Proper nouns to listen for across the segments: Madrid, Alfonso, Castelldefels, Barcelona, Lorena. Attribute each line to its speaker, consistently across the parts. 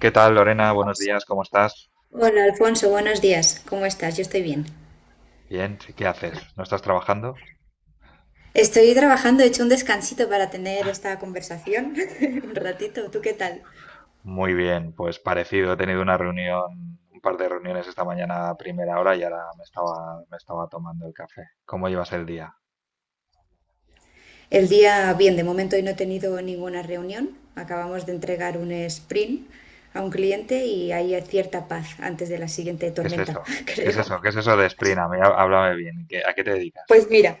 Speaker 1: ¿Qué tal, Lorena? Buenos días, ¿cómo estás?
Speaker 2: Hola Alfonso, buenos días. ¿Cómo estás? Yo estoy bien.
Speaker 1: Bien, ¿qué haces? ¿No estás trabajando?
Speaker 2: Estoy trabajando, he hecho un descansito para tener esta conversación. Un ratito, ¿tú qué tal?
Speaker 1: Muy bien, pues parecido, he tenido una reunión, un par de reuniones esta mañana a primera hora y ahora me estaba tomando el café. ¿Cómo llevas el día?
Speaker 2: El día, bien, de momento hoy no he tenido ninguna reunión. Acabamos de entregar un sprint a un cliente y hay cierta paz antes de la siguiente
Speaker 1: ¿Qué es
Speaker 2: tormenta,
Speaker 1: eso? ¿Qué es
Speaker 2: creo.
Speaker 1: eso? ¿Qué es eso de Sprint? A mí, háblame bien. ¿A qué te dedicas?
Speaker 2: Pues mira,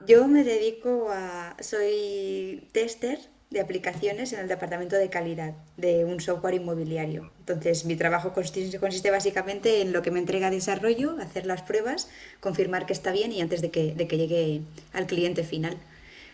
Speaker 2: yo me dedico a, soy tester de aplicaciones en el departamento de calidad de un software inmobiliario. Entonces, mi trabajo consiste básicamente en lo que me entrega desarrollo, hacer las pruebas, confirmar que está bien y antes de que llegue al cliente final.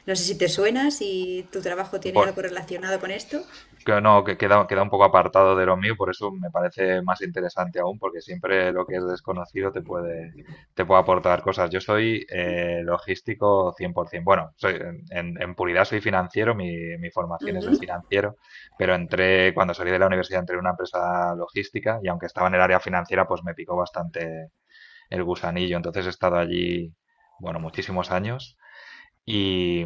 Speaker 2: No sé si te suena, si tu trabajo tiene algo
Speaker 1: Bueno,
Speaker 2: relacionado con esto.
Speaker 1: Que no, que queda, queda un poco apartado de lo mío, por eso me parece más interesante aún, porque siempre lo que es desconocido te puede aportar cosas. Yo soy logístico 100%. Bueno, soy, en puridad soy financiero, mi formación es de
Speaker 2: Ujú.
Speaker 1: financiero, pero entré, cuando salí de la universidad, entré en una empresa logística y aunque estaba en el área financiera, pues me picó bastante el gusanillo. Entonces he estado allí, bueno, muchísimos años y,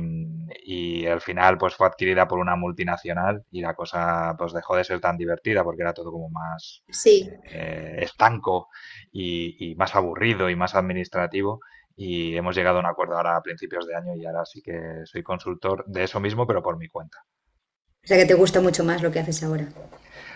Speaker 1: y al final pues fue adquirida por una multinacional y la cosa pues dejó de ser tan divertida porque era todo como más
Speaker 2: Sí.
Speaker 1: estanco y más aburrido y más administrativo y hemos llegado a un acuerdo ahora a principios de año y ahora sí que soy consultor de eso mismo pero por mi cuenta.
Speaker 2: O sea que te gusta mucho más lo que haces ahora.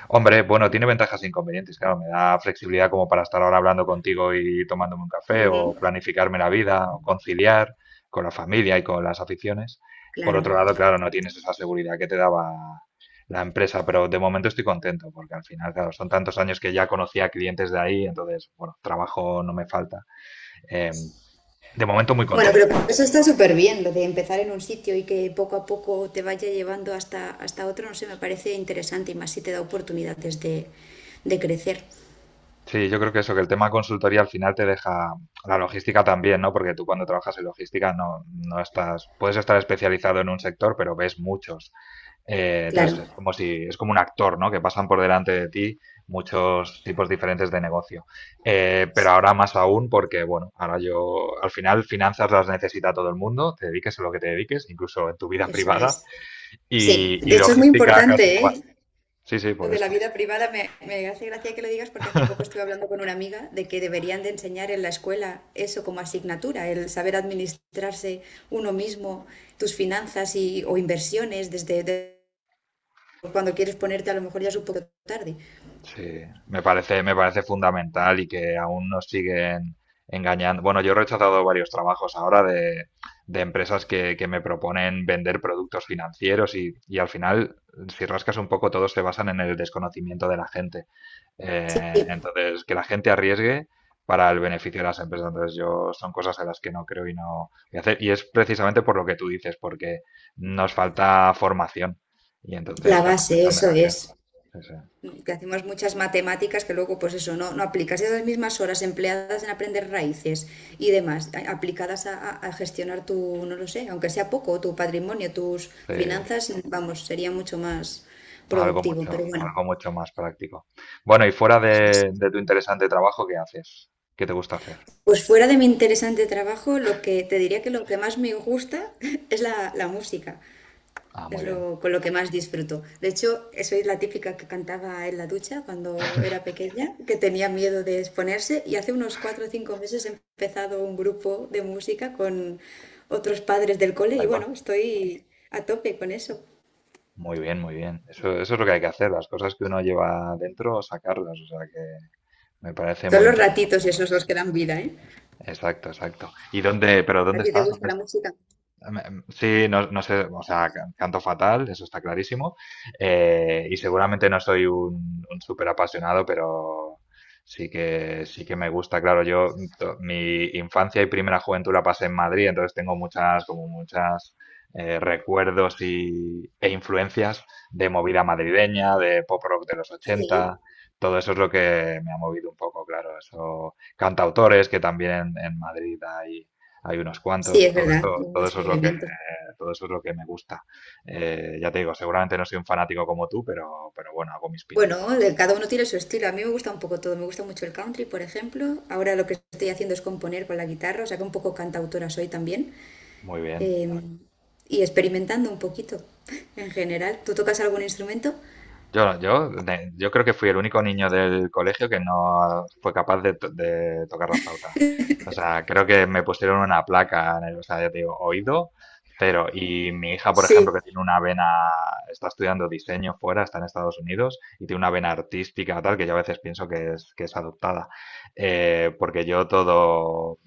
Speaker 1: Hombre, bueno, tiene ventajas e inconvenientes. Claro, me da flexibilidad como para estar ahora hablando contigo y tomándome un café, o planificarme la vida, o conciliar con la familia y con las aficiones. Por
Speaker 2: Claro.
Speaker 1: otro lado, claro, no tienes esa seguridad que te daba la empresa, pero de momento estoy contento porque al final, claro, son tantos años que ya conocía clientes de ahí, entonces, bueno, trabajo no me falta. Em, de momento muy
Speaker 2: Bueno, pero
Speaker 1: contento.
Speaker 2: eso está súper bien, lo de empezar en un sitio y que poco a poco te vaya llevando hasta otro, no sé, me parece interesante y más si te da oportunidades de crecer.
Speaker 1: Sí, yo creo que eso, que el tema consultoría al final te deja la logística también, ¿no? Porque tú cuando trabajas en logística no estás, puedes estar especializado en un sector, pero ves muchos. Entonces
Speaker 2: Claro,
Speaker 1: es como si, es como un actor, ¿no? Que pasan por delante de ti muchos tipos diferentes de negocio. Pero ahora más aún porque, bueno, ahora yo, al final finanzas las necesita todo el mundo, te dediques a lo que te dediques, incluso en tu vida
Speaker 2: eso
Speaker 1: privada,
Speaker 2: es. Sí,
Speaker 1: y
Speaker 2: de hecho es muy
Speaker 1: logística casi
Speaker 2: importante,
Speaker 1: igual.
Speaker 2: ¿eh?
Speaker 1: Sí, sí,
Speaker 2: Lo
Speaker 1: por
Speaker 2: de la
Speaker 1: eso.
Speaker 2: vida privada me hace gracia que lo digas porque hace poco estuve hablando con una amiga de que deberían de enseñar en la escuela eso como asignatura, el saber administrarse uno mismo, tus finanzas y, o inversiones cuando quieres ponerte a lo mejor ya es un poco tarde.
Speaker 1: Sí, me parece fundamental y que aún nos siguen engañando. Bueno, yo he rechazado varios trabajos ahora de empresas que me proponen vender productos financieros y al final, si rascas un poco, todos se basan en el desconocimiento de la gente.
Speaker 2: Sí.
Speaker 1: Entonces, que la gente arriesgue para el beneficio de las empresas. Entonces, yo son cosas en las que no creo y no voy a hacer. Y es precisamente por lo que tú dices, porque nos falta formación y entonces
Speaker 2: La
Speaker 1: se
Speaker 2: base,
Speaker 1: aprovechan de
Speaker 2: eso
Speaker 1: la gente.
Speaker 2: es.
Speaker 1: Sí, sí.
Speaker 2: Que hacemos muchas matemáticas que luego, pues eso, no, no aplicas esas mismas horas empleadas en aprender raíces y demás, aplicadas a, a gestionar tu, no lo sé, aunque sea poco, tu patrimonio, tus
Speaker 1: Sí.
Speaker 2: finanzas, vamos, sería mucho más productivo. Pero bueno,
Speaker 1: Algo mucho más práctico. Bueno, y fuera
Speaker 2: eso es.
Speaker 1: de tu interesante trabajo, ¿qué haces? ¿Qué te gusta hacer?
Speaker 2: Pues fuera de mi interesante trabajo, lo que te diría que lo que más me gusta es la música.
Speaker 1: Ah,
Speaker 2: Es
Speaker 1: muy bien.
Speaker 2: lo, con lo que más disfruto. De hecho, soy la típica que cantaba en la ducha cuando era pequeña, que tenía miedo de exponerse y hace unos cuatro o cinco meses he empezado un grupo de música con otros padres del cole y
Speaker 1: Ahí va.
Speaker 2: bueno, estoy a tope con eso.
Speaker 1: Muy bien, muy bien. Eso es lo que hay que hacer, las cosas que uno lleva dentro, sacarlas. O sea que me parece
Speaker 2: Son
Speaker 1: muy
Speaker 2: los
Speaker 1: interesante.
Speaker 2: ratitos esos los que dan vida, ¿eh?
Speaker 1: Exacto, exacto. Pero
Speaker 2: ¿A
Speaker 1: ¿dónde
Speaker 2: ti te
Speaker 1: estás?
Speaker 2: gusta
Speaker 1: ¿Dónde
Speaker 2: la música?
Speaker 1: Me- Sí, no, no sé, o sea, canto fatal, eso está clarísimo. Y seguramente no soy un súper apasionado, pero sí que me gusta. Claro, yo mi infancia y primera juventud la pasé en Madrid, entonces tengo como muchas recuerdos e influencias de movida madrileña, de pop rock de los 80.
Speaker 2: Sí,
Speaker 1: Todo eso es lo que me ha movido un poco, claro. Eso, cantautores que también en Madrid hay unos
Speaker 2: sí,
Speaker 1: cuantos,
Speaker 2: es
Speaker 1: todo
Speaker 2: verdad,
Speaker 1: eso,
Speaker 2: mucho movimiento.
Speaker 1: todo eso es lo que me gusta. Ya te digo, seguramente no soy un fanático como tú, pero bueno, hago mis
Speaker 2: Bueno,
Speaker 1: pinitos.
Speaker 2: cada uno tiene su estilo. A mí me gusta un poco todo. Me gusta mucho el country, por ejemplo. Ahora lo que estoy haciendo es componer con la guitarra, o sea que un poco cantautora soy también.
Speaker 1: Muy bien.
Speaker 2: em, y experimentando un poquito en general. ¿Tú tocas algún instrumento?
Speaker 1: Yo creo que fui el único niño del colegio que no fue capaz de tocar la flauta. O sea, creo que me pusieron una placa en el, o sea, ya te digo, oído, cero. Y mi hija, por
Speaker 2: Sí.
Speaker 1: ejemplo, que tiene una vena, está estudiando diseño fuera, está en Estados Unidos, y tiene una vena artística, tal, que yo a veces pienso que es adoptada. Porque yo todo,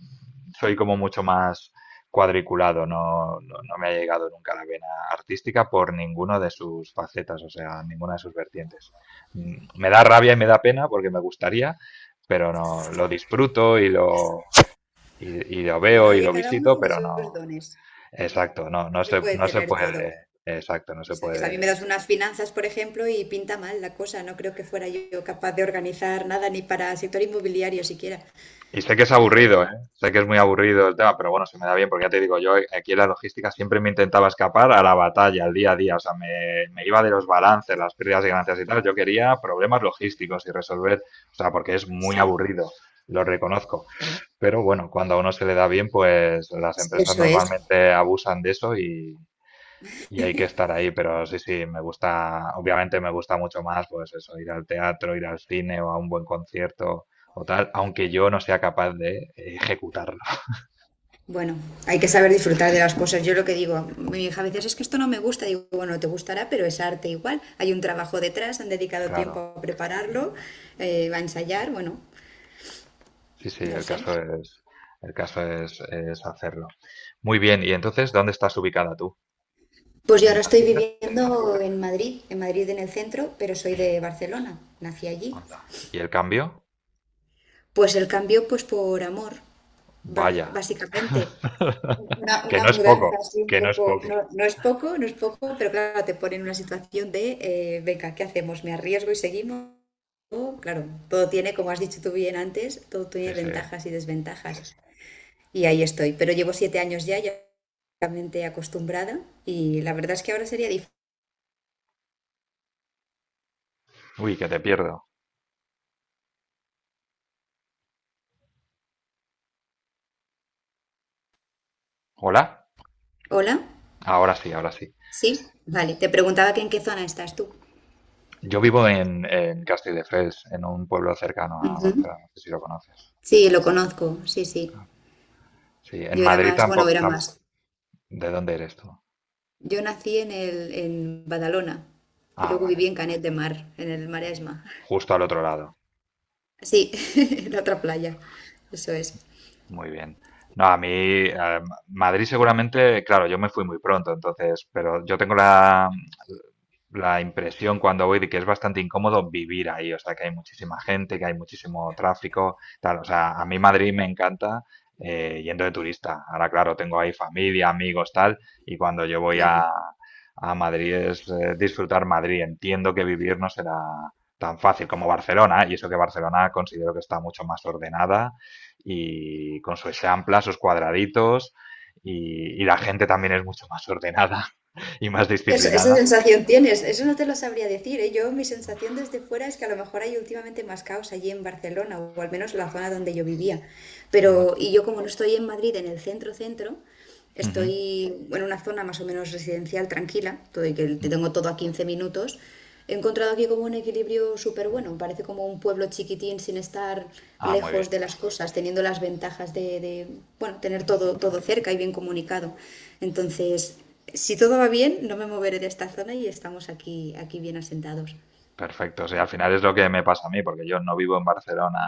Speaker 1: soy como mucho más cuadriculado, no me ha llegado nunca la vena artística por ninguno de sus facetas, o sea, ninguna de sus vertientes. Me da rabia y me da pena porque me gustaría, pero no, lo disfruto y lo
Speaker 2: Bueno,
Speaker 1: veo y
Speaker 2: oye,
Speaker 1: lo
Speaker 2: cada uno
Speaker 1: visito,
Speaker 2: tiene
Speaker 1: pero
Speaker 2: sus
Speaker 1: no,
Speaker 2: dones.
Speaker 1: exacto,
Speaker 2: No, no se puede
Speaker 1: no se
Speaker 2: tener todo.
Speaker 1: puede, exacto, no se
Speaker 2: Eso es. A mí me
Speaker 1: puede.
Speaker 2: das unas finanzas, por ejemplo, y pinta mal la cosa. No creo que fuera yo capaz de organizar nada ni para sector inmobiliario siquiera,
Speaker 1: Y sé que es
Speaker 2: la
Speaker 1: aburrido,
Speaker 2: verdad.
Speaker 1: ¿eh? Sé que es muy aburrido el tema, pero bueno, se me da bien porque ya te digo, yo aquí en la logística siempre me intentaba escapar a la batalla, al día a día. O sea, me iba de los balances, las pérdidas y ganancias y tal. Yo quería problemas logísticos y resolver, o sea, porque es muy
Speaker 2: Sí,
Speaker 1: aburrido, lo reconozco. Pero bueno, cuando a uno se le da bien, pues las empresas
Speaker 2: eso es.
Speaker 1: normalmente abusan de eso y hay que estar ahí, pero sí, sí, me gusta, obviamente me gusta mucho más, pues eso, ir al teatro, ir al cine o a un buen concierto o tal, aunque yo no sea capaz de ejecutarlo.
Speaker 2: Bueno, hay que saber disfrutar de las cosas. Yo lo que digo, mi hija a veces es que esto no me gusta. Digo, bueno, te gustará, pero es arte igual. Hay un trabajo detrás, han dedicado tiempo
Speaker 1: Claro,
Speaker 2: a prepararlo, a ensayar, bueno,
Speaker 1: sí, sí,
Speaker 2: no sé.
Speaker 1: el caso es hacerlo. Muy bien, y entonces, ¿dónde estás ubicada tú?
Speaker 2: Pues yo
Speaker 1: ¿En
Speaker 2: ahora estoy
Speaker 1: Madrid? ¿Era?
Speaker 2: viviendo en Madrid, en Madrid en el centro, pero soy de Barcelona, nací allí.
Speaker 1: Anda. ¿Y el cambio?
Speaker 2: Pues el cambio, pues por amor,
Speaker 1: Vaya.
Speaker 2: básicamente.
Speaker 1: Que
Speaker 2: Una
Speaker 1: no es poco,
Speaker 2: mudanza así un
Speaker 1: que no es
Speaker 2: poco,
Speaker 1: poco.
Speaker 2: no, no es poco, no es poco, pero claro, te pone en una situación de, venga, ¿qué hacemos? ¿Me arriesgo y seguimos? O, claro, todo tiene, como has dicho tú bien antes, todo tiene
Speaker 1: Sí, sí.
Speaker 2: ventajas y desventajas. Y ahí estoy, pero llevo 7 años ya, ya realmente acostumbrada y la verdad es que ahora sería difícil.
Speaker 1: Uy, que te pierdo. ¿Hola?
Speaker 2: Hola,
Speaker 1: Ahora sí, ahora sí.
Speaker 2: sí, vale, te preguntaba que en qué zona estás tú.
Speaker 1: Yo vivo en Castelldefels, en un pueblo cercano a
Speaker 2: Ujú.
Speaker 1: Barcelona, no sé si lo conoces.
Speaker 2: Sí, lo conozco, sí, sí.
Speaker 1: Sí, en
Speaker 2: Yo era
Speaker 1: Madrid
Speaker 2: más, bueno,
Speaker 1: tampoco.
Speaker 2: era más.
Speaker 1: ¿De dónde eres tú?
Speaker 2: Yo nací en el, en Badalona y
Speaker 1: Ah,
Speaker 2: luego viví
Speaker 1: vale,
Speaker 2: en Canet de Mar, en el Maresma.
Speaker 1: justo al otro lado.
Speaker 2: Sí, en la otra playa. Eso es.
Speaker 1: Muy bien. No, a mí, Madrid seguramente, claro, yo me fui muy pronto, entonces, pero yo tengo la impresión cuando voy de que es bastante incómodo vivir ahí, o sea, que hay muchísima gente, que hay muchísimo tráfico, tal, o sea, a mí Madrid me encanta yendo de turista. Ahora, claro, tengo ahí familia, amigos, tal, y cuando yo voy a,
Speaker 2: Claro.
Speaker 1: a Madrid es disfrutar Madrid. Entiendo que vivir no será tan fácil como Barcelona, y eso que Barcelona considero que está mucho más ordenada y con sus amplas, sus cuadraditos la gente también es mucho más ordenada y más
Speaker 2: Sí, eso- esa
Speaker 1: disciplinada.
Speaker 2: sensación tienes. Eso no te lo sabría decir, ¿eh? Yo, mi sensación desde fuera es que a lo mejor hay últimamente más caos allí en Barcelona, o al menos la zona donde yo vivía.
Speaker 1: No
Speaker 2: Pero,
Speaker 1: sé.
Speaker 2: y yo como no estoy en Madrid, en el centro centro,
Speaker 1: Ujú.
Speaker 2: estoy en una zona más o menos residencial tranquila, todo, y que te tengo todo a 15 minutos. He encontrado aquí como un equilibrio súper bueno. Parece como un pueblo chiquitín sin estar
Speaker 1: Ah, muy
Speaker 2: lejos
Speaker 1: bien.
Speaker 2: de las cosas, teniendo las ventajas de, bueno, tener todo, todo cerca y bien comunicado. Entonces, si todo va bien, no me moveré de esta zona y estamos aquí, aquí bien asentados.
Speaker 1: Perfecto, sí, al final es lo que me pasa a mí, porque yo no vivo en Barcelona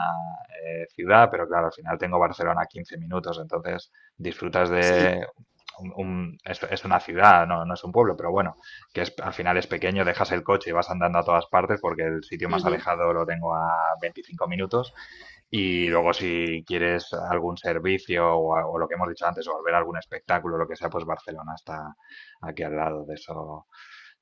Speaker 1: ciudad, pero claro, al final tengo Barcelona a 15 minutos, entonces disfrutas
Speaker 2: Sí.
Speaker 1: de es una ciudad, no es un pueblo, pero bueno, que es, al final es pequeño, dejas el coche y vas andando a todas partes, porque el sitio más
Speaker 2: Ujú.
Speaker 1: alejado lo tengo a 25 minutos, y luego si quieres algún servicio o lo que hemos dicho antes, o ver algún espectáculo, lo que sea, pues Barcelona está aquí al lado de eso.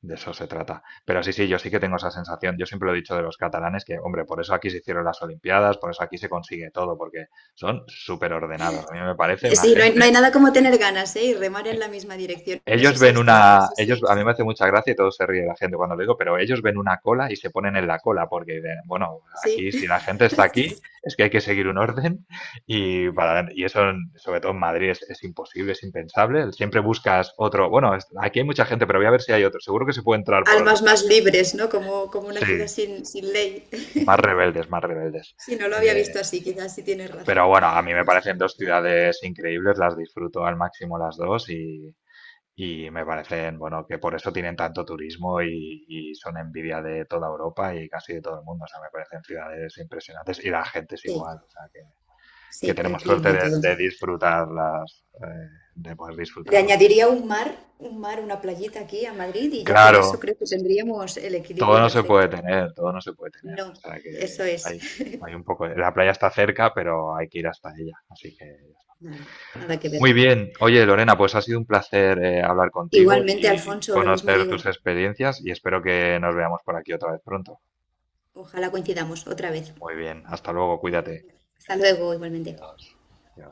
Speaker 1: De eso se trata. Pero sí, sí, yo sí que tengo esa sensación. Yo siempre lo he dicho de los catalanes que, hombre, por eso aquí se hicieron las Olimpiadas, por eso aquí se consigue todo, porque son súper ordenados. A mí me parece una
Speaker 2: Sí, no hay, no
Speaker 1: gente.
Speaker 2: hay nada como tener ganas, ¿eh? Y remar en la misma dirección. Eso
Speaker 1: Ellos
Speaker 2: sí
Speaker 1: ven
Speaker 2: es cierto,
Speaker 1: una.
Speaker 2: sí
Speaker 1: Ellos,
Speaker 2: sí.
Speaker 1: a mí me hace mucha gracia y todo se ríe la gente cuando lo digo, pero ellos ven una cola y se ponen en la cola, porque dicen, bueno,
Speaker 2: Sí.
Speaker 1: aquí si la gente está aquí, es que hay que seguir un orden. Y, para, y eso, sobre todo en Madrid, es imposible, es impensable. Siempre buscas otro. Bueno, aquí hay mucha gente, pero voy a ver si hay otro. Seguro que se puede entrar por otro
Speaker 2: Almas
Speaker 1: lado.
Speaker 2: más libres, ¿no? Como, como una ciudad
Speaker 1: Sí,
Speaker 2: sin ley.
Speaker 1: más rebeldes, más rebeldes.
Speaker 2: Sí, no lo había
Speaker 1: Eh,
Speaker 2: visto así, quizás sí tienes
Speaker 1: pero
Speaker 2: razón
Speaker 1: bueno, a mí
Speaker 2: en
Speaker 1: me
Speaker 2: esa
Speaker 1: parecen dos
Speaker 2: parte.
Speaker 1: ciudades increíbles, las disfruto al máximo las dos y me parecen, bueno, que por eso tienen tanto turismo y son envidia de toda Europa y casi de todo el mundo. O sea, me parecen ciudades impresionantes y la gente es
Speaker 2: Sí,
Speaker 1: igual. O sea, que
Speaker 2: sí, el
Speaker 1: tenemos
Speaker 2: clima
Speaker 1: suerte
Speaker 2: y todo.
Speaker 1: de disfrutarlas, de poder
Speaker 2: Le
Speaker 1: disfrutarlas.
Speaker 2: añadiría un mar, una playita aquí a Madrid y ya con eso
Speaker 1: Claro,
Speaker 2: creo que tendríamos el
Speaker 1: todo
Speaker 2: equilibrio
Speaker 1: no se puede
Speaker 2: perfecto. ¿Eh?
Speaker 1: tener, todo no se puede tener.
Speaker 2: No,
Speaker 1: O sea,
Speaker 2: eso
Speaker 1: que
Speaker 2: es.
Speaker 1: hay, hay un poco... La playa está cerca, pero hay que ir hasta ella. Así que
Speaker 2: Nada, nada que ver.
Speaker 1: muy bien. Oye, Lorena, pues ha sido un placer hablar contigo
Speaker 2: Igualmente,
Speaker 1: y
Speaker 2: Alfonso, lo mismo
Speaker 1: conocer tus
Speaker 2: digo.
Speaker 1: experiencias y espero que nos veamos por aquí otra vez pronto.
Speaker 2: Ojalá coincidamos otra vez.
Speaker 1: Muy bien. Hasta luego. Cuídate.
Speaker 2: Hasta luego, igualmente.
Speaker 1: Adiós. Adiós.